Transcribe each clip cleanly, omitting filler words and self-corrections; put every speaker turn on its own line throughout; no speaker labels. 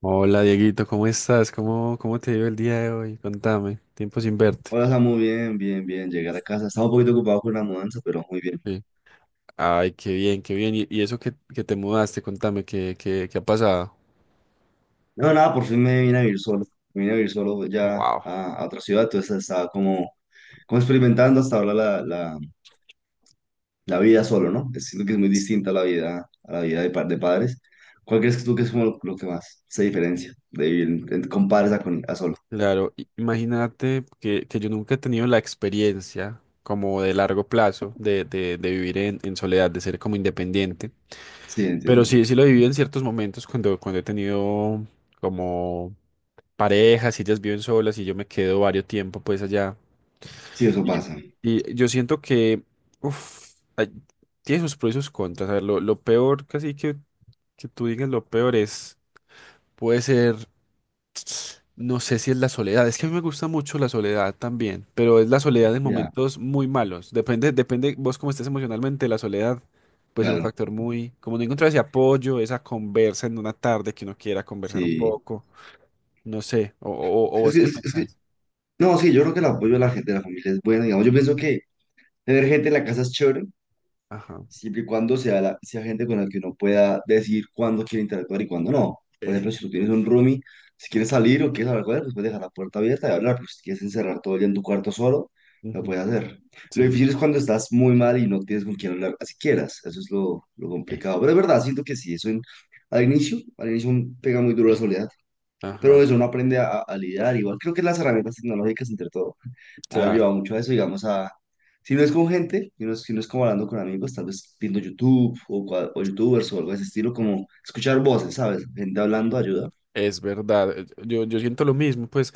Hola Dieguito, ¿cómo estás? ¿¿Cómo te dio el día de hoy? Contame, tiempo sin verte.
Hola, Samu, bien, bien, bien. Llegué a casa. Estaba un poquito ocupado con la mudanza, pero muy bien.
Sí. Ay, qué bien, qué bien. Y eso que te mudaste, contame, ¿qué ha pasado?
No, nada, por fin me vine a vivir solo. Me vine a vivir solo ya
Wow.
a otra ciudad. Entonces estaba como, como experimentando hasta ahora la vida solo, ¿no? Siento que es muy distinta a la vida de, de padres. ¿Cuál crees que tú que es como lo que más se diferencia de vivir con padres a, con, a solo?
Claro, imagínate que yo nunca he tenido la experiencia como de largo plazo de vivir en soledad, de ser como independiente.
Sí,
Pero
entiendo.
sí, sí lo he vivido en ciertos momentos cuando he tenido como parejas, y ellas viven solas y yo me quedo varios tiempo pues allá.
Sí, eso
Y,
pasa.
y yo siento que uf, tiene sus pros y sus contras. A ver, lo peor, casi que tú digas lo peor es, puede ser, no sé si es la soledad. Es que a mí me gusta mucho la soledad también, pero es la soledad en
Ya,
momentos muy malos. Depende, depende vos cómo estés emocionalmente, la soledad puede ser un
claro.
factor muy, como no encontrar ese apoyo, esa conversa en una tarde que uno quiera conversar un
Sí.
poco, no sé, o vos qué
Es que,
pensás.
no, sí, yo creo que el apoyo de la gente, de la familia es bueno. Digamos, yo pienso que tener gente en la casa es chévere
Ajá.
siempre y cuando sea, la, sea gente con la que uno pueda decir cuándo quiere interactuar y cuándo no. Por
Eh,
ejemplo, si tú tienes un roomie, si quieres salir o quieres hablar con él, pues puedes dejar la puerta abierta y hablar, pero si quieres encerrar todo el día en tu cuarto solo, lo
ujú,
puedes hacer. Lo
sí.
difícil es cuando estás muy mal y no tienes con quién hablar, así quieras, eso es lo
Eh.
complicado. Pero es verdad, siento que sí, al inicio pega muy duro la
Sí.
soledad,
Ajá.
pero eso uno aprende a lidiar, igual creo que las herramientas tecnológicas entre todo han
Claro.
llevado mucho a eso, digamos, a... Si no es con gente, si no es, si no es como hablando con amigos, tal vez viendo YouTube o, o YouTubers o algo de ese estilo, como escuchar voces, ¿sabes? Gente
Sí.
hablando ayuda.
Es verdad, yo, yo siento lo mismo, pues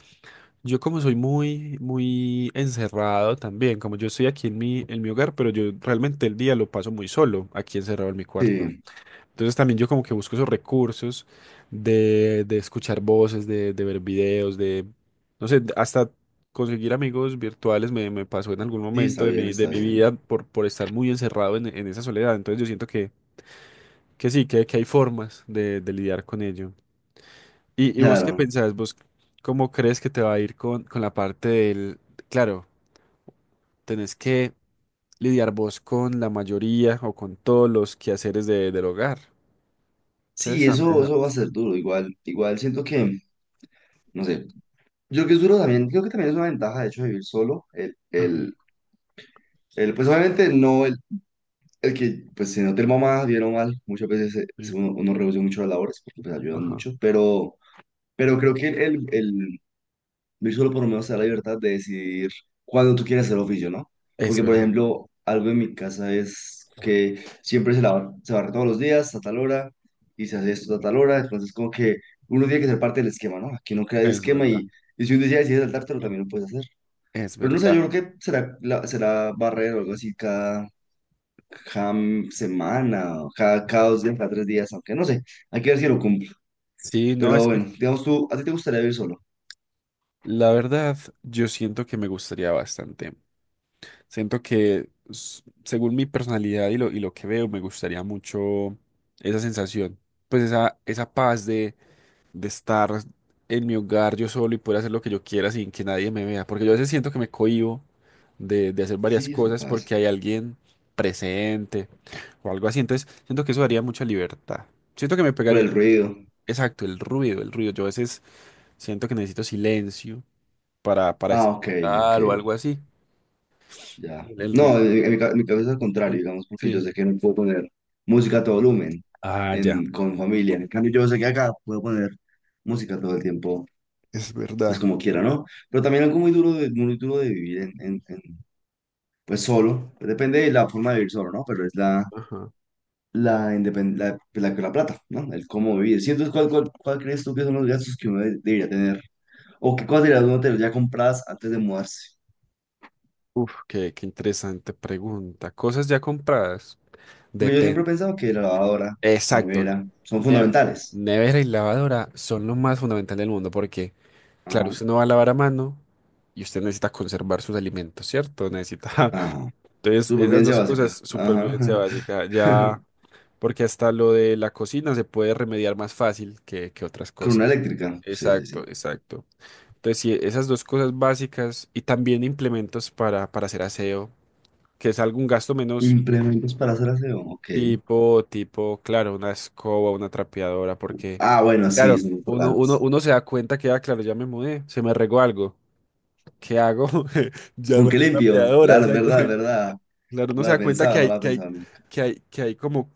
yo como soy muy, muy encerrado también, como yo estoy aquí en mi hogar, pero yo realmente el día lo paso muy solo, aquí encerrado en mi cuarto.
Sí,
Entonces también yo como que busco esos recursos de escuchar voces, de ver videos, de, no sé, hasta conseguir amigos virtuales me, me pasó en algún
sí,
momento
está bien,
de
está
mi
bien.
vida por estar muy encerrado en esa soledad. Entonces yo siento que sí, que hay formas de lidiar con ello. Y vos qué
Claro.
pensás? ¿Vos cómo crees que te va a ir con la parte del... Claro, tenés que lidiar vos con la mayoría o con todos los quehaceres de, del hogar. Entonces
Sí,
también...
eso va a ser duro. Igual, igual siento que, no sé, yo creo que es duro también, creo que también es una ventaja, de hecho, de vivir solo.
Ajá,
Pues obviamente no el, el que, pues si no te mamá, bien o mal, muchas veces
sí,
uno, uno reduce mucho las labores porque pues ayudan
ajá.
mucho, pero... Pero creo que Luis solo por lo menos te da la libertad de decidir cuándo tú quieres hacer oficio, ¿no?
Es
Porque, por
verdad,
ejemplo, algo en mi casa es que siempre se lava, se barre todos los días a tal hora y se hace esto a tal hora, entonces como que uno tiene que ser parte del esquema, ¿no? Aquí no queda el
es
esquema
verdad,
y si un día decides saltártelo también lo puedes hacer.
es
Pero no sé,
verdad.
yo creo que será, será barrer o algo así cada, cada semana, o cada, cada 2 días, cada 3 días, aunque no sé, hay que ver si lo cumplo.
Sí, no,
Pero
es que
bueno, digamos tú, ¿a ti te gustaría vivir solo?
la verdad yo siento que me gustaría bastante. Siento que según mi personalidad y lo que veo, me gustaría mucho esa sensación, pues esa paz de estar en mi hogar yo solo y poder hacer lo que yo quiera sin que nadie me vea. Porque yo a veces siento que me cohíbo de hacer varias
Sí, eso
cosas
pasa.
porque hay alguien presente o algo así. Entonces siento que eso daría mucha libertad. Siento que me
Por
pegaría,
el ruido.
exacto, el ruido, el ruido. Yo a veces siento que necesito silencio para
Ah, ok, ok,
estudiar o algo así.
ya.
El ruido.
No, en mi, en mi cabeza es al contrario,
Sí.
digamos, porque yo
Sí.
sé que no puedo poner música a todo volumen
Ah, ya.
en, con familia. En cambio, yo sé que acá puedo poner música todo el tiempo,
Es
pues
verdad.
como quiera, ¿no? Pero también algo muy duro de vivir en, en, pues solo. Pues, depende de la forma de vivir solo, ¿no? Pero es la,
Ajá.
la, la plata, ¿no? El cómo vivir. Sí, entonces, ¿cuál, cuál, cuál crees tú que son los gastos que uno debería tener? ¿O qué cosas debería uno tener ya compradas antes de mudarse?
Uf, qué interesante pregunta. Cosas ya compradas.
Porque yo
Depende.
siempre he pensado que la lavadora, la
Exacto.
nevera, son
Ne-
fundamentales.
Nevera y lavadora son lo más fundamental del mundo porque,
Ajá.
claro, usted no va a lavar a mano y usted necesita conservar sus alimentos, ¿cierto? Necesita.
Ajá.
Entonces, esas
Supervivencia
dos cosas,
básica.
supervivencia
Ajá.
básica, ya, porque hasta lo de la cocina se puede remediar más fácil que otras
Con una
cosas.
eléctrica. Sí, sí,
Exacto,
sí.
exacto. Entonces, sí, esas dos cosas básicas y también implementos para hacer aseo, que es algún gasto menos.
Implementos para hacer aseo. Ok.
Tipo, tipo, claro, una escoba, una trapeadora, porque,
Ah, bueno, sí,
claro,
son
uno, uno,
importantes.
uno se da cuenta que, ah, claro, ya me mudé, se me regó algo. ¿Qué hago? Ya no hay
Aunque limpio.
trapeadora,
Claro, es verdad, es
exactamente.
verdad.
Claro, uno
No
se
la
da cuenta que
pensaba, no
hay,
la
que hay,
pensaba nunca.
que hay, que hay como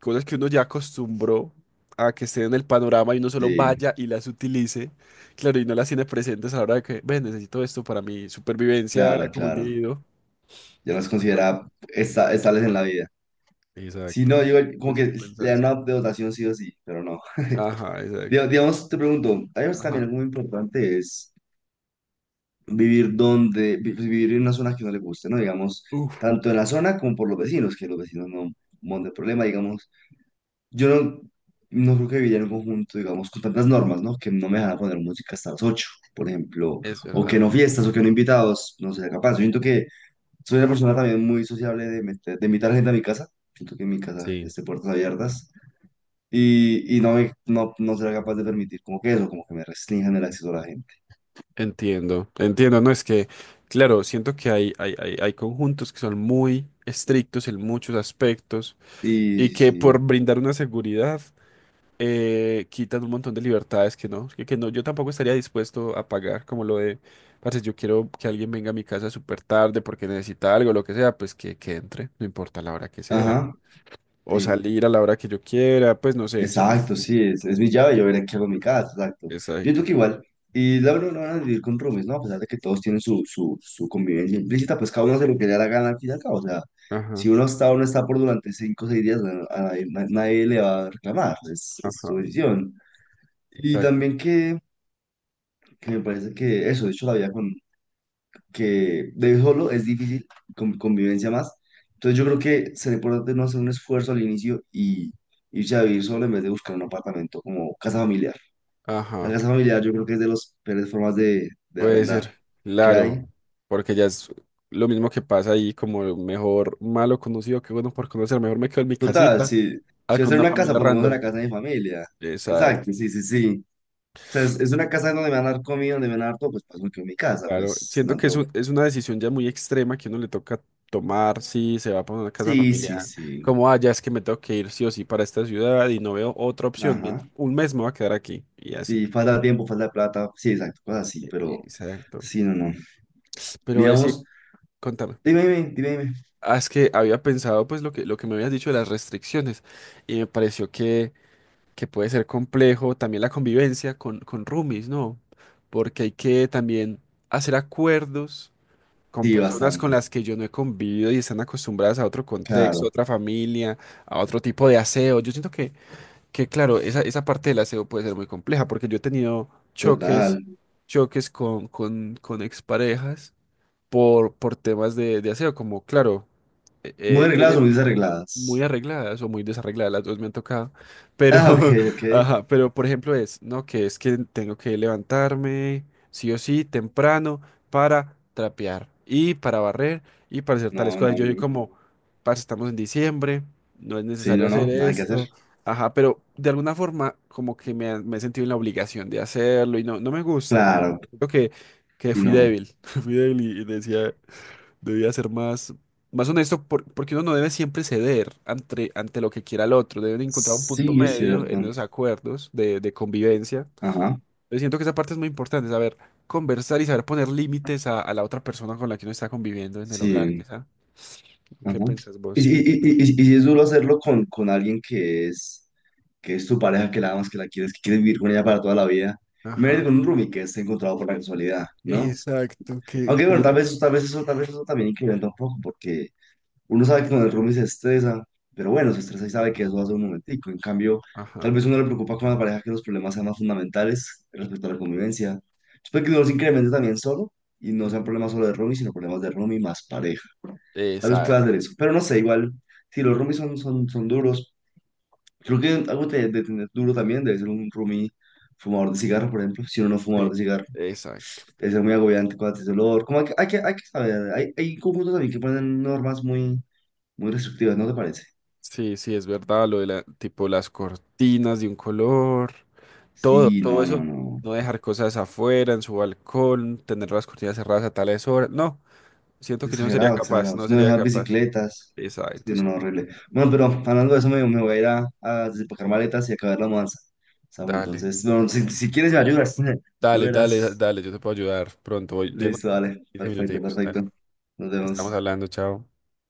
cosas que uno ya acostumbró a que estén en el panorama y uno solo
Sí,
vaya y las utilice. Claro, y no las tiene presentes a la hora de que, ven, necesito esto para mi supervivencia
claro,
como
claro.
individuo.
Ya las considera estables en la vida. Si
Exacto.
no, yo
¿Y
como
es que
que le dan
pensás?
una dotación sí o sí, pero no.
Ajá, exacto.
Digamos, te pregunto, algo
Ajá.
también muy importante es vivir donde, pues, vivir en una zona que no le guste, ¿no? Digamos,
Uf.
tanto en la zona como por los vecinos, que los vecinos no monten problema, digamos. Yo no, no creo que viviría en un conjunto, digamos, con tantas normas, ¿no? Que no me dejan poner música hasta las 8 por ejemplo,
Es
o que
verdad.
no fiestas, o que no invitados, no sería capaz. Yo siento que soy una persona también muy sociable de, de invitar gente a mi casa. Siento que en mi casa
Sí,
esté puertas abiertas y no, me, no, no será capaz de permitir como que eso, como que me restrinjan el acceso a la gente.
entiendo, entiendo, no es que, claro, siento que hay, hay conjuntos que son muy estrictos en muchos aspectos
Y
y que por
sí,
brindar una seguridad quitan un montón de libertades que no, yo tampoco estaría dispuesto a pagar como lo de, parce, yo quiero que alguien venga a mi casa súper tarde porque necesita algo, lo que sea, pues que entre, no importa la hora que sea,
ajá,
o
sí. Ajá, sí.
salir a la hora que yo quiera, pues no sé,
Exacto, sí, es mi llave, yo veré qué hago en mi casa, exacto. Yo creo
exacto,
que igual, y la verdad no van a vivir con roomies, ¿no? A pesar de que todos tienen su convivencia implícita, pues cada uno hace lo que le da la gana al fin y al cabo. O sea, si
ajá,
uno está o no está por durante 5 o 6 días, bueno, a nadie, nadie le va a reclamar, es su
ajá,
decisión. Y
exacto,
también que me parece que eso, de hecho, la vida con, que de solo es difícil, con convivencia más. Entonces yo creo que sería importante no hacer un esfuerzo al inicio y irse a vivir solo en vez de buscar un apartamento como casa familiar. La
ajá.
casa familiar yo creo que es de las peores formas de
Puede
arrendar
ser,
que hay.
claro, porque ya es lo mismo que pasa ahí, como mejor malo conocido que bueno por conocer, mejor me quedo en mi
Total,
casita,
si,
ah,
si voy a
con
hacer
una
una casa,
familia
por lo menos en
random.
la casa de mi familia. Exacto,
Exacto,
sí, sí, sí. O sea, es una casa donde me van a dar comida, donde me van a dar todo, pues paso que en mi casa,
claro.
pues
Siento
no
que es,
tengo...
es una decisión ya muy extrema que uno le toca tomar si se va para una casa
Sí, sí,
familiar,
sí.
como, ah, ya es que me tengo que ir sí o sí para esta ciudad y no veo otra opción,
Ajá.
un mes me voy a quedar aquí y así.
Sí, falta de tiempo, falta de plata. Sí, exacto, cosas así, pero
Exacto.
sí, no, no.
Pero sí,
Digamos,
contame.
dime, dime, dime, dime.
Ah, es que había pensado pues lo que me habías dicho de las restricciones y me pareció que puede ser complejo también la convivencia con roomies, ¿no? Porque hay que también hacer acuerdos con
Sí,
personas con
bastante.
las que yo no he convivido y están acostumbradas a otro contexto, a
Claro,
otra familia, a otro tipo de aseo. Yo siento que claro, esa parte del aseo puede ser muy compleja porque yo he tenido choques,
total.
choques con exparejas por temas de aseo, como claro, eh,
Muy
eh,
arregladas o
tiene-
muy
muy
desarregladas.
arregladas o muy desarregladas, las dos me han tocado, pero,
Ah, ok, ok.
ajá, pero por ejemplo es, ¿no? Que es que tengo que levantarme sí o sí temprano para trapear y para barrer y para hacer tales
No, no,
cosas. Yo
no.
soy como, parce, estamos en diciembre, no es
Sí,
necesario
no,
hacer
no, nada que hacer.
esto, ajá, pero de alguna forma como que me, me he sentido en la obligación de hacerlo y no, no me gusta, no me
Claro,
gusta. Creo que
y
fui
no.
débil, fui débil y decía... Debía ser más, más honesto porque uno no debe siempre ceder ante, ante lo que quiera el otro. Deben encontrar un punto
Sí, es
medio
cierto.
en esos acuerdos de convivencia.
Ajá,
Yo siento que esa parte es muy importante, saber conversar y saber poner límites a la otra persona con la que uno está conviviendo en el hogar,
sí,
quizá.
ajá.
¿Qué pensás
Y,
vos?
y, y si es duro hacerlo con alguien que es tu pareja, que la amas, que la quieres, que quieres vivir con ella para toda la vida. Imagínate
Ajá,
con un roomie que esté encontrado por la casualidad, ¿no?
exacto, que
Aunque bueno,
literal.
tal vez eso también incrementa un poco, porque uno sabe que cuando el roomie se estresa, pero bueno, se estresa y sabe que eso hace un momentico. En cambio, tal
Ajá.
vez uno le preocupa con la pareja que los problemas sean más fundamentales respecto a la convivencia. Después que uno los incremente también solo y no sean
Ujú.
problemas solo de roomie, sino problemas de roomie más pareja. Tal vez pueda hacer
Exacto,
eso, pero no sé, igual, si los roomies son duros, creo que algo de tener duro también debe ser un roomie fumador de cigarro, por ejemplo. Si uno no es fumador
sí,
de cigarro,
exacto.
debe ser muy agobiante con ese olor. Como hay que, hay que, hay que saber, hay conjuntos también que ponen normas muy, muy restrictivas, ¿no te parece?
Sí, sí, es verdad, lo de la, tipo las cortinas de un color. Todo,
Sí,
todo
no, no,
eso,
no.
no dejar cosas afuera, en su balcón, tener las cortinas cerradas a tales horas. No, siento que yo no sería
Exagerado,
capaz,
exagerado.
no
No
sería
dejar
capaz.
bicicletas. Sí,
Exacto,
no, no,
eso.
horrible. Bueno, pero hablando de eso, me voy a ir a desempacar maletas y acabar la mudanza. Samu,
Dale,
entonces, no, si, si quieres me ayudas, tú
dale, dale,
verás.
dale, yo te puedo ayudar pronto. Voy, llego
Listo,
en
dale.
15
Perfecto,
minuticos, dale.
perfecto. Nos
Estamos
vemos.
hablando, chao.